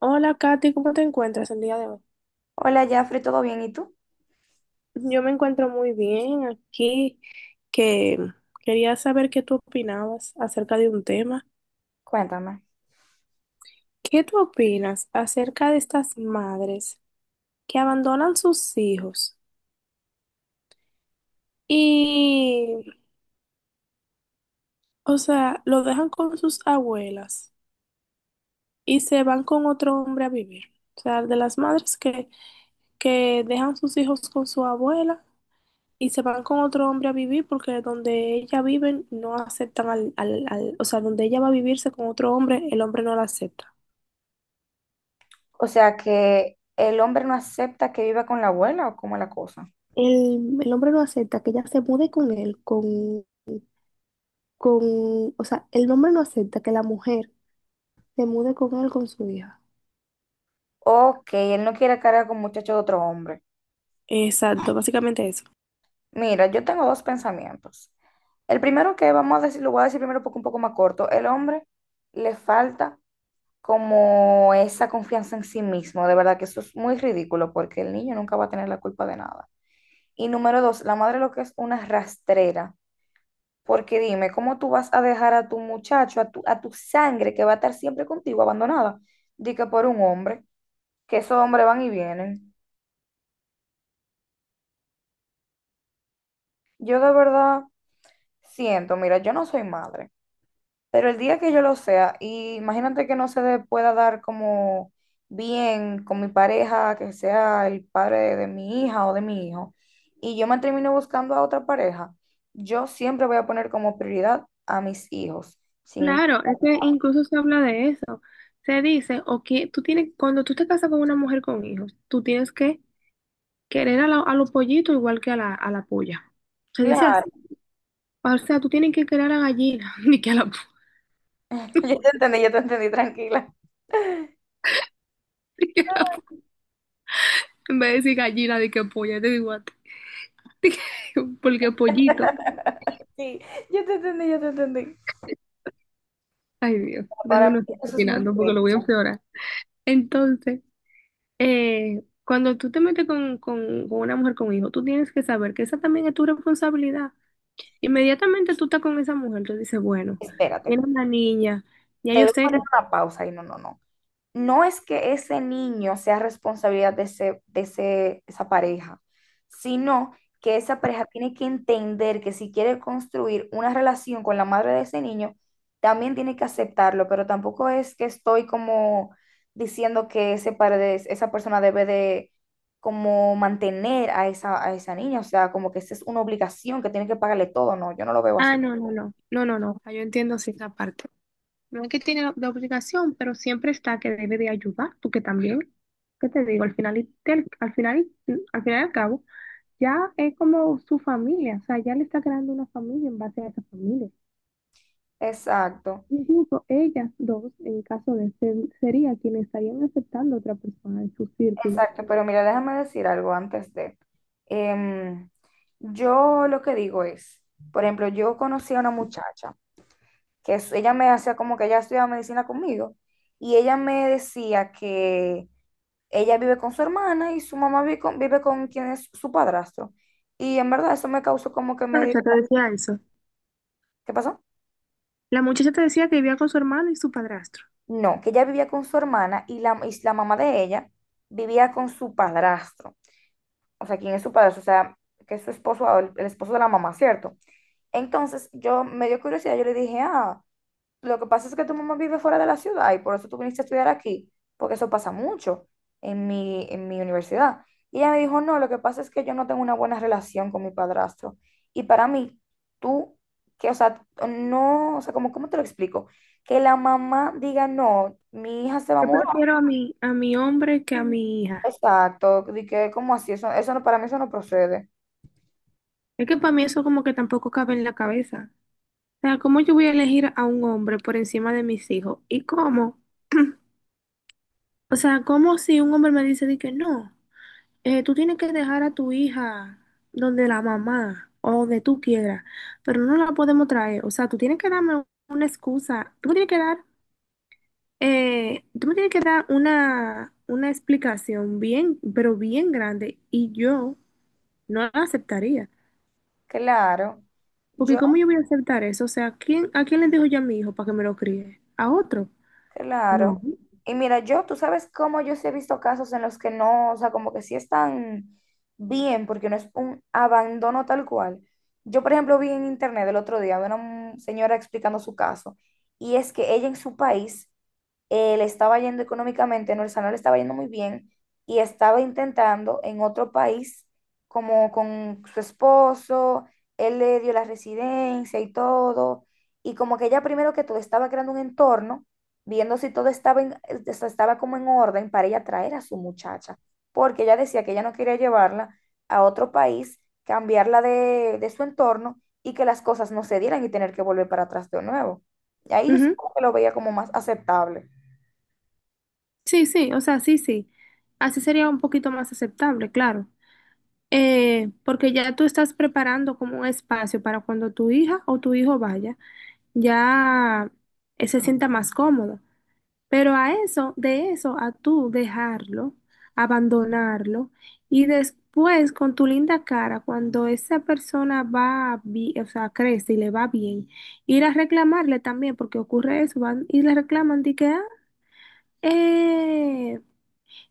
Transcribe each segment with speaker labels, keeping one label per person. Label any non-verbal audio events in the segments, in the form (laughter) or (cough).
Speaker 1: Hola, Katy, ¿cómo te encuentras el día de hoy?
Speaker 2: Hola, Jafre, ¿todo bien? ¿Y tú?
Speaker 1: Yo me encuentro muy bien aquí, que quería saber qué tú opinabas acerca de un tema.
Speaker 2: Cuéntame.
Speaker 1: ¿Qué tú opinas acerca de estas madres que abandonan sus hijos y, o sea, lo dejan con sus abuelas y se van con otro hombre a vivir? O sea, de las madres que dejan sus hijos con su abuela y se van con otro hombre a vivir porque donde ella vive no aceptan o sea, donde ella va a vivirse con otro hombre, el hombre no la acepta.
Speaker 2: O sea, que el hombre no acepta que viva con la abuela o cómo es la cosa.
Speaker 1: El hombre no acepta que ella se mude con él, o sea, el hombre no acepta que la mujer se mude con él, con su hija.
Speaker 2: Ok, él no quiere cargar con muchachos de otro hombre.
Speaker 1: Exacto, básicamente eso.
Speaker 2: Mira, yo tengo dos pensamientos. El primero que vamos a decir, lo voy a decir primero porque un poco más corto. El hombre le falta como esa confianza en sí mismo. De verdad que eso es muy ridículo porque el niño nunca va a tener la culpa de nada. Y número dos, la madre lo que es una rastrera. Porque dime, ¿cómo tú vas a dejar a tu muchacho, a tu sangre que va a estar siempre contigo abandonada? Di que por un hombre, que esos hombres van y vienen. Yo de verdad siento, mira, yo no soy madre, pero el día que yo lo sea, y imagínate que no se le pueda dar como bien con mi pareja, que sea el padre de mi hija o de mi hijo, y yo me termino buscando a otra pareja, yo siempre voy a poner como prioridad a mis hijos, sin,
Speaker 1: Claro, es que incluso se habla de eso. Se dice, o que tú tienes, cuando tú te casas con una mujer con hijos, tú tienes que querer a, a los pollitos igual que a la puya. Se dice
Speaker 2: claro.
Speaker 1: así. O sea, tú tienes que crear a gallina, (laughs) ni que a la polla.
Speaker 2: (laughs) Yo te entendí, tranquila. (laughs)
Speaker 1: En vez de decir gallina, de que polla, te digo a ti, (laughs) porque pollito.
Speaker 2: Sí, yo te entendí.
Speaker 1: Ay, Dios, déjame
Speaker 2: Para
Speaker 1: no
Speaker 2: mí
Speaker 1: estar
Speaker 2: eso es muy
Speaker 1: opinando porque lo
Speaker 2: increíble.
Speaker 1: voy a empeorar. Entonces, cuando tú te metes con, una mujer con hijo, tú tienes que saber que esa también es tu responsabilidad. Inmediatamente tú estás con esa mujer, tú dices, bueno,
Speaker 2: Espérate,
Speaker 1: tiene una niña, ya
Speaker 2: te
Speaker 1: yo
Speaker 2: voy a
Speaker 1: sé que...
Speaker 2: poner una pausa y no, no, no. No es que ese niño sea responsabilidad de esa pareja, sino que esa pareja tiene que entender que si quiere construir una relación con la madre de ese niño, también tiene que aceptarlo, pero tampoco es que estoy como diciendo que esa persona debe de como mantener a esa niña, o sea, como que esa es una obligación que tiene que pagarle todo, no, yo no lo veo
Speaker 1: Ah,
Speaker 2: así.
Speaker 1: no, ah, yo entiendo, sí, esa parte. No es que tiene la obligación, pero siempre está que debe de ayudar, porque también, ¿qué te digo? Al final, y al final, al final y al cabo, ya es como su familia, o sea, ya le está creando una familia en base a esa familia.
Speaker 2: Exacto.
Speaker 1: Incluso ellas dos, en caso de ser, sería quienes estarían aceptando a otra persona en su círculo.
Speaker 2: Exacto, pero mira, déjame decir algo antes de. Em, yo lo que digo es, por ejemplo, yo conocí a una muchacha ella me hacía como que ella estudiaba medicina conmigo y ella me decía que ella vive con su hermana y su mamá vive con quien es su padrastro. Y en verdad eso me causó como que
Speaker 1: ¿La
Speaker 2: me...
Speaker 1: muchacha te decía eso?
Speaker 2: ¿Qué pasó?
Speaker 1: La muchacha te decía que vivía con su hermano y su padrastro.
Speaker 2: No, que ella vivía con su hermana y la mamá de ella vivía con su padrastro. O sea, ¿quién es su padrastro? O sea, que es su esposo, el esposo de la mamá, ¿cierto? Entonces, yo me dio curiosidad, yo le dije, ah, lo que pasa es que tu mamá vive fuera de la ciudad y por eso tú viniste a estudiar aquí, porque eso pasa mucho en mi universidad. Y ella me dijo, no, lo que pasa es que yo no tengo una buena relación con mi padrastro. Y para mí, tú, que, o sea, no, o sea, como, ¿cómo te lo explico? Que la mamá diga, no, mi hija se va a
Speaker 1: Yo
Speaker 2: mudar.
Speaker 1: prefiero a mi hombre que a mi hija.
Speaker 2: Exacto, de que, ¿cómo así? Eso no, para mí eso no procede.
Speaker 1: Es que para mí eso como que tampoco cabe en la cabeza. O sea, ¿cómo yo voy a elegir a un hombre por encima de mis hijos? ¿Y cómo? O sea, ¿cómo si un hombre me dice de que no, tú tienes que dejar a tu hija donde la mamá o donde tú quieras, pero no la podemos traer? O sea, tú tienes que darme una excusa, tú me tienes que dar, tú me tienes que dar una explicación bien, pero bien grande y yo no la aceptaría.
Speaker 2: Claro.
Speaker 1: Porque
Speaker 2: Yo.
Speaker 1: ¿cómo yo voy a aceptar eso? O sea, ¿quién, a quién le dejo yo a mi hijo para que me lo críe? ¿A otro? No.
Speaker 2: Claro. Y mira, yo, tú sabes cómo yo sí he visto casos en los que no, o sea, como que sí están bien, porque no es un abandono tal cual. Yo, por ejemplo, vi en internet el otro día a una señora explicando su caso, y es que ella en su país le estaba yendo económicamente, no, o sea, no le estaba yendo muy bien y estaba intentando en otro país, como con su esposo, él le dio la residencia y todo, y como que ella primero que todo estaba creando un entorno, viendo si todo estaba, o sea, estaba como en orden para ella traer a su muchacha, porque ella decía que ella no quería llevarla a otro país, cambiarla de su entorno y que las cosas no se dieran y tener que volver para atrás de nuevo. Y ahí yo sí
Speaker 1: Ujú.
Speaker 2: como que lo veía como más aceptable.
Speaker 1: Sí, sí, o sea, sí, sí. Así sería un poquito más aceptable, claro. Porque ya tú estás preparando como un espacio para cuando tu hija o tu hijo vaya, ya se sienta más cómodo. Pero a eso, de eso, a tú dejarlo, abandonarlo y después con tu linda cara, cuando esa persona va, o sea, crece y le va bien, ir a reclamarle también, porque ocurre eso, van y le reclaman de que, ah, eh,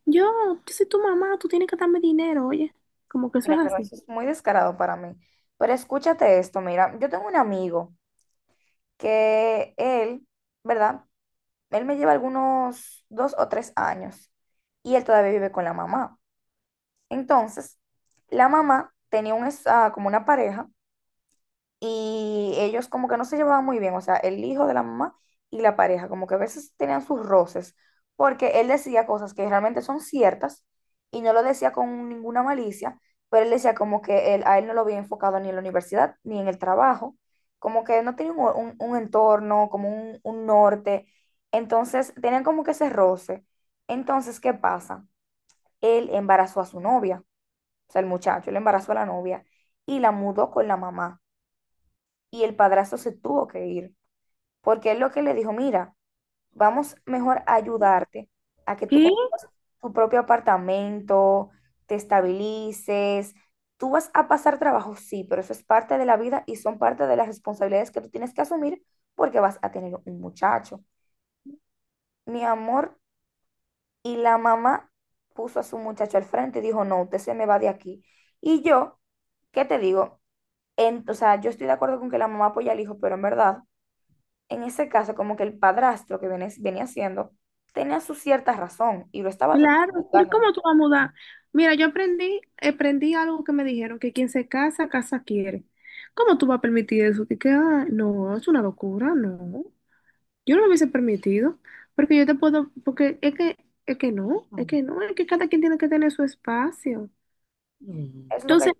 Speaker 1: yo, yo soy tu mamá, tú tienes que darme dinero, oye. Como que eso
Speaker 2: Mira,
Speaker 1: es
Speaker 2: pero
Speaker 1: así.
Speaker 2: eso es muy descarado para mí. Pero escúchate esto, mira, yo tengo un amigo que él, ¿verdad? Él me lleva algunos dos o tres años y él todavía vive con la mamá. Entonces, la mamá tenía un, como una pareja y ellos como que no se llevaban muy bien, o sea, el hijo de la mamá y la pareja, como que a veces tenían sus roces, porque él decía cosas que realmente son ciertas y no lo decía con ninguna malicia, pero él decía como que él, a él no lo había enfocado ni en la universidad ni en el trabajo, como que no tenía un entorno, como un norte, entonces tenían como que ese roce. Entonces, ¿qué pasa? Él embarazó a su novia, o sea, el muchacho, él embarazó a la novia y la mudó con la mamá y el padrastro se tuvo que ir, porque él lo que le dijo, mira, vamos mejor a ayudarte a que tú
Speaker 1: ¿Qué?
Speaker 2: consigas tu propio apartamento, te estabilices, tú vas a pasar trabajo, sí, pero eso es parte de la vida y son parte de las responsabilidades que tú tienes que asumir porque vas a tener un muchacho. Mi amor, y la mamá puso a su muchacho al frente y dijo, no, usted se me va de aquí. Y yo, ¿qué te digo? O sea, yo estoy de acuerdo con que la mamá apoya al hijo, pero en verdad, en ese caso, como que el padrastro que viene, venía haciendo tenía su cierta razón y lo estaba tratando de
Speaker 1: Claro, pero
Speaker 2: juzgar
Speaker 1: ¿y cómo
Speaker 2: realmente.
Speaker 1: tú vas a mudar? Mira, yo aprendí algo que me dijeron, que quien se casa, casa quiere. ¿Cómo tú vas a permitir eso? No, es una locura, no. Yo no lo hubiese permitido, porque yo te puedo, porque es que no, es que no, es que cada quien tiene que tener su espacio.
Speaker 2: Es lo que
Speaker 1: Entonces,
Speaker 2: yo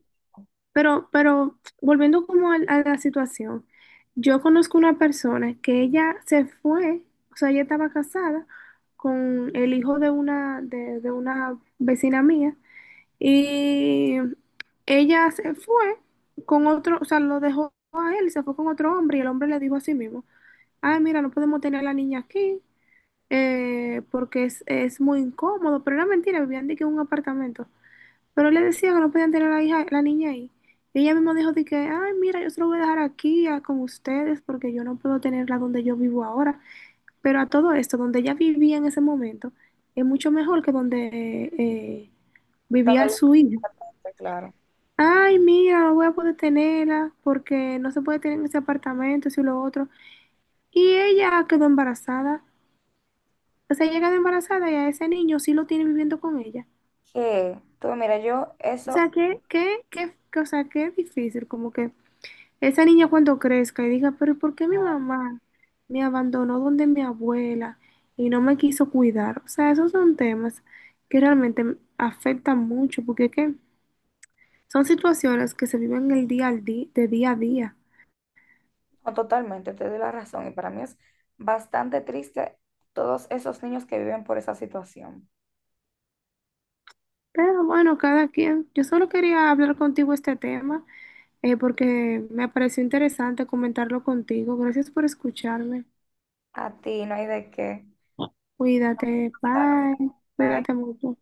Speaker 1: pero volviendo como a la situación, yo conozco una persona que ella se fue, o sea, ella estaba casada con el hijo de una, de una vecina mía y ella se fue con otro, o sea, lo dejó a él, se fue con otro hombre y el hombre le dijo a sí mismo, ay, mira, no podemos tener a la niña aquí porque es muy incómodo, pero era mentira, vivían de que en un apartamento. Pero le decía que no podían tener a la hija, la niña ahí. Y ella misma dijo de que, ay, mira, yo se lo voy a dejar aquí con ustedes porque yo no puedo tenerla donde yo vivo ahora. Pero a todo esto, donde ella vivía en ese momento, es mucho mejor que donde eh,
Speaker 2: estaba
Speaker 1: vivía su hija.
Speaker 2: claro.
Speaker 1: Ay, mira, no voy a poder tenerla porque no se puede tener en ese apartamento, eso y lo otro. Y ella quedó embarazada. O sea, ella quedó embarazada y a ese niño sí lo tiene viviendo con ella.
Speaker 2: Que, tú, mira, yo
Speaker 1: O
Speaker 2: eso,
Speaker 1: sea, o sea, que es difícil, como que esa niña cuando crezca y diga, pero ¿y ¿por qué mi
Speaker 2: ah,
Speaker 1: mamá me abandonó donde mi abuela y no me quiso cuidar? O sea, esos son temas que realmente afectan mucho porque qué son situaciones que se viven el día al día, de día a día.
Speaker 2: no, totalmente, te doy la razón y para mí es bastante triste todos esos niños que viven por esa situación.
Speaker 1: Pero bueno, cada quien. Yo solo quería hablar contigo este tema porque me pareció interesante comentarlo contigo. Gracias por escucharme.
Speaker 2: A ti no hay de qué.
Speaker 1: Cuídate,
Speaker 2: Ay,
Speaker 1: bye.
Speaker 2: ay.
Speaker 1: Cuídate mucho.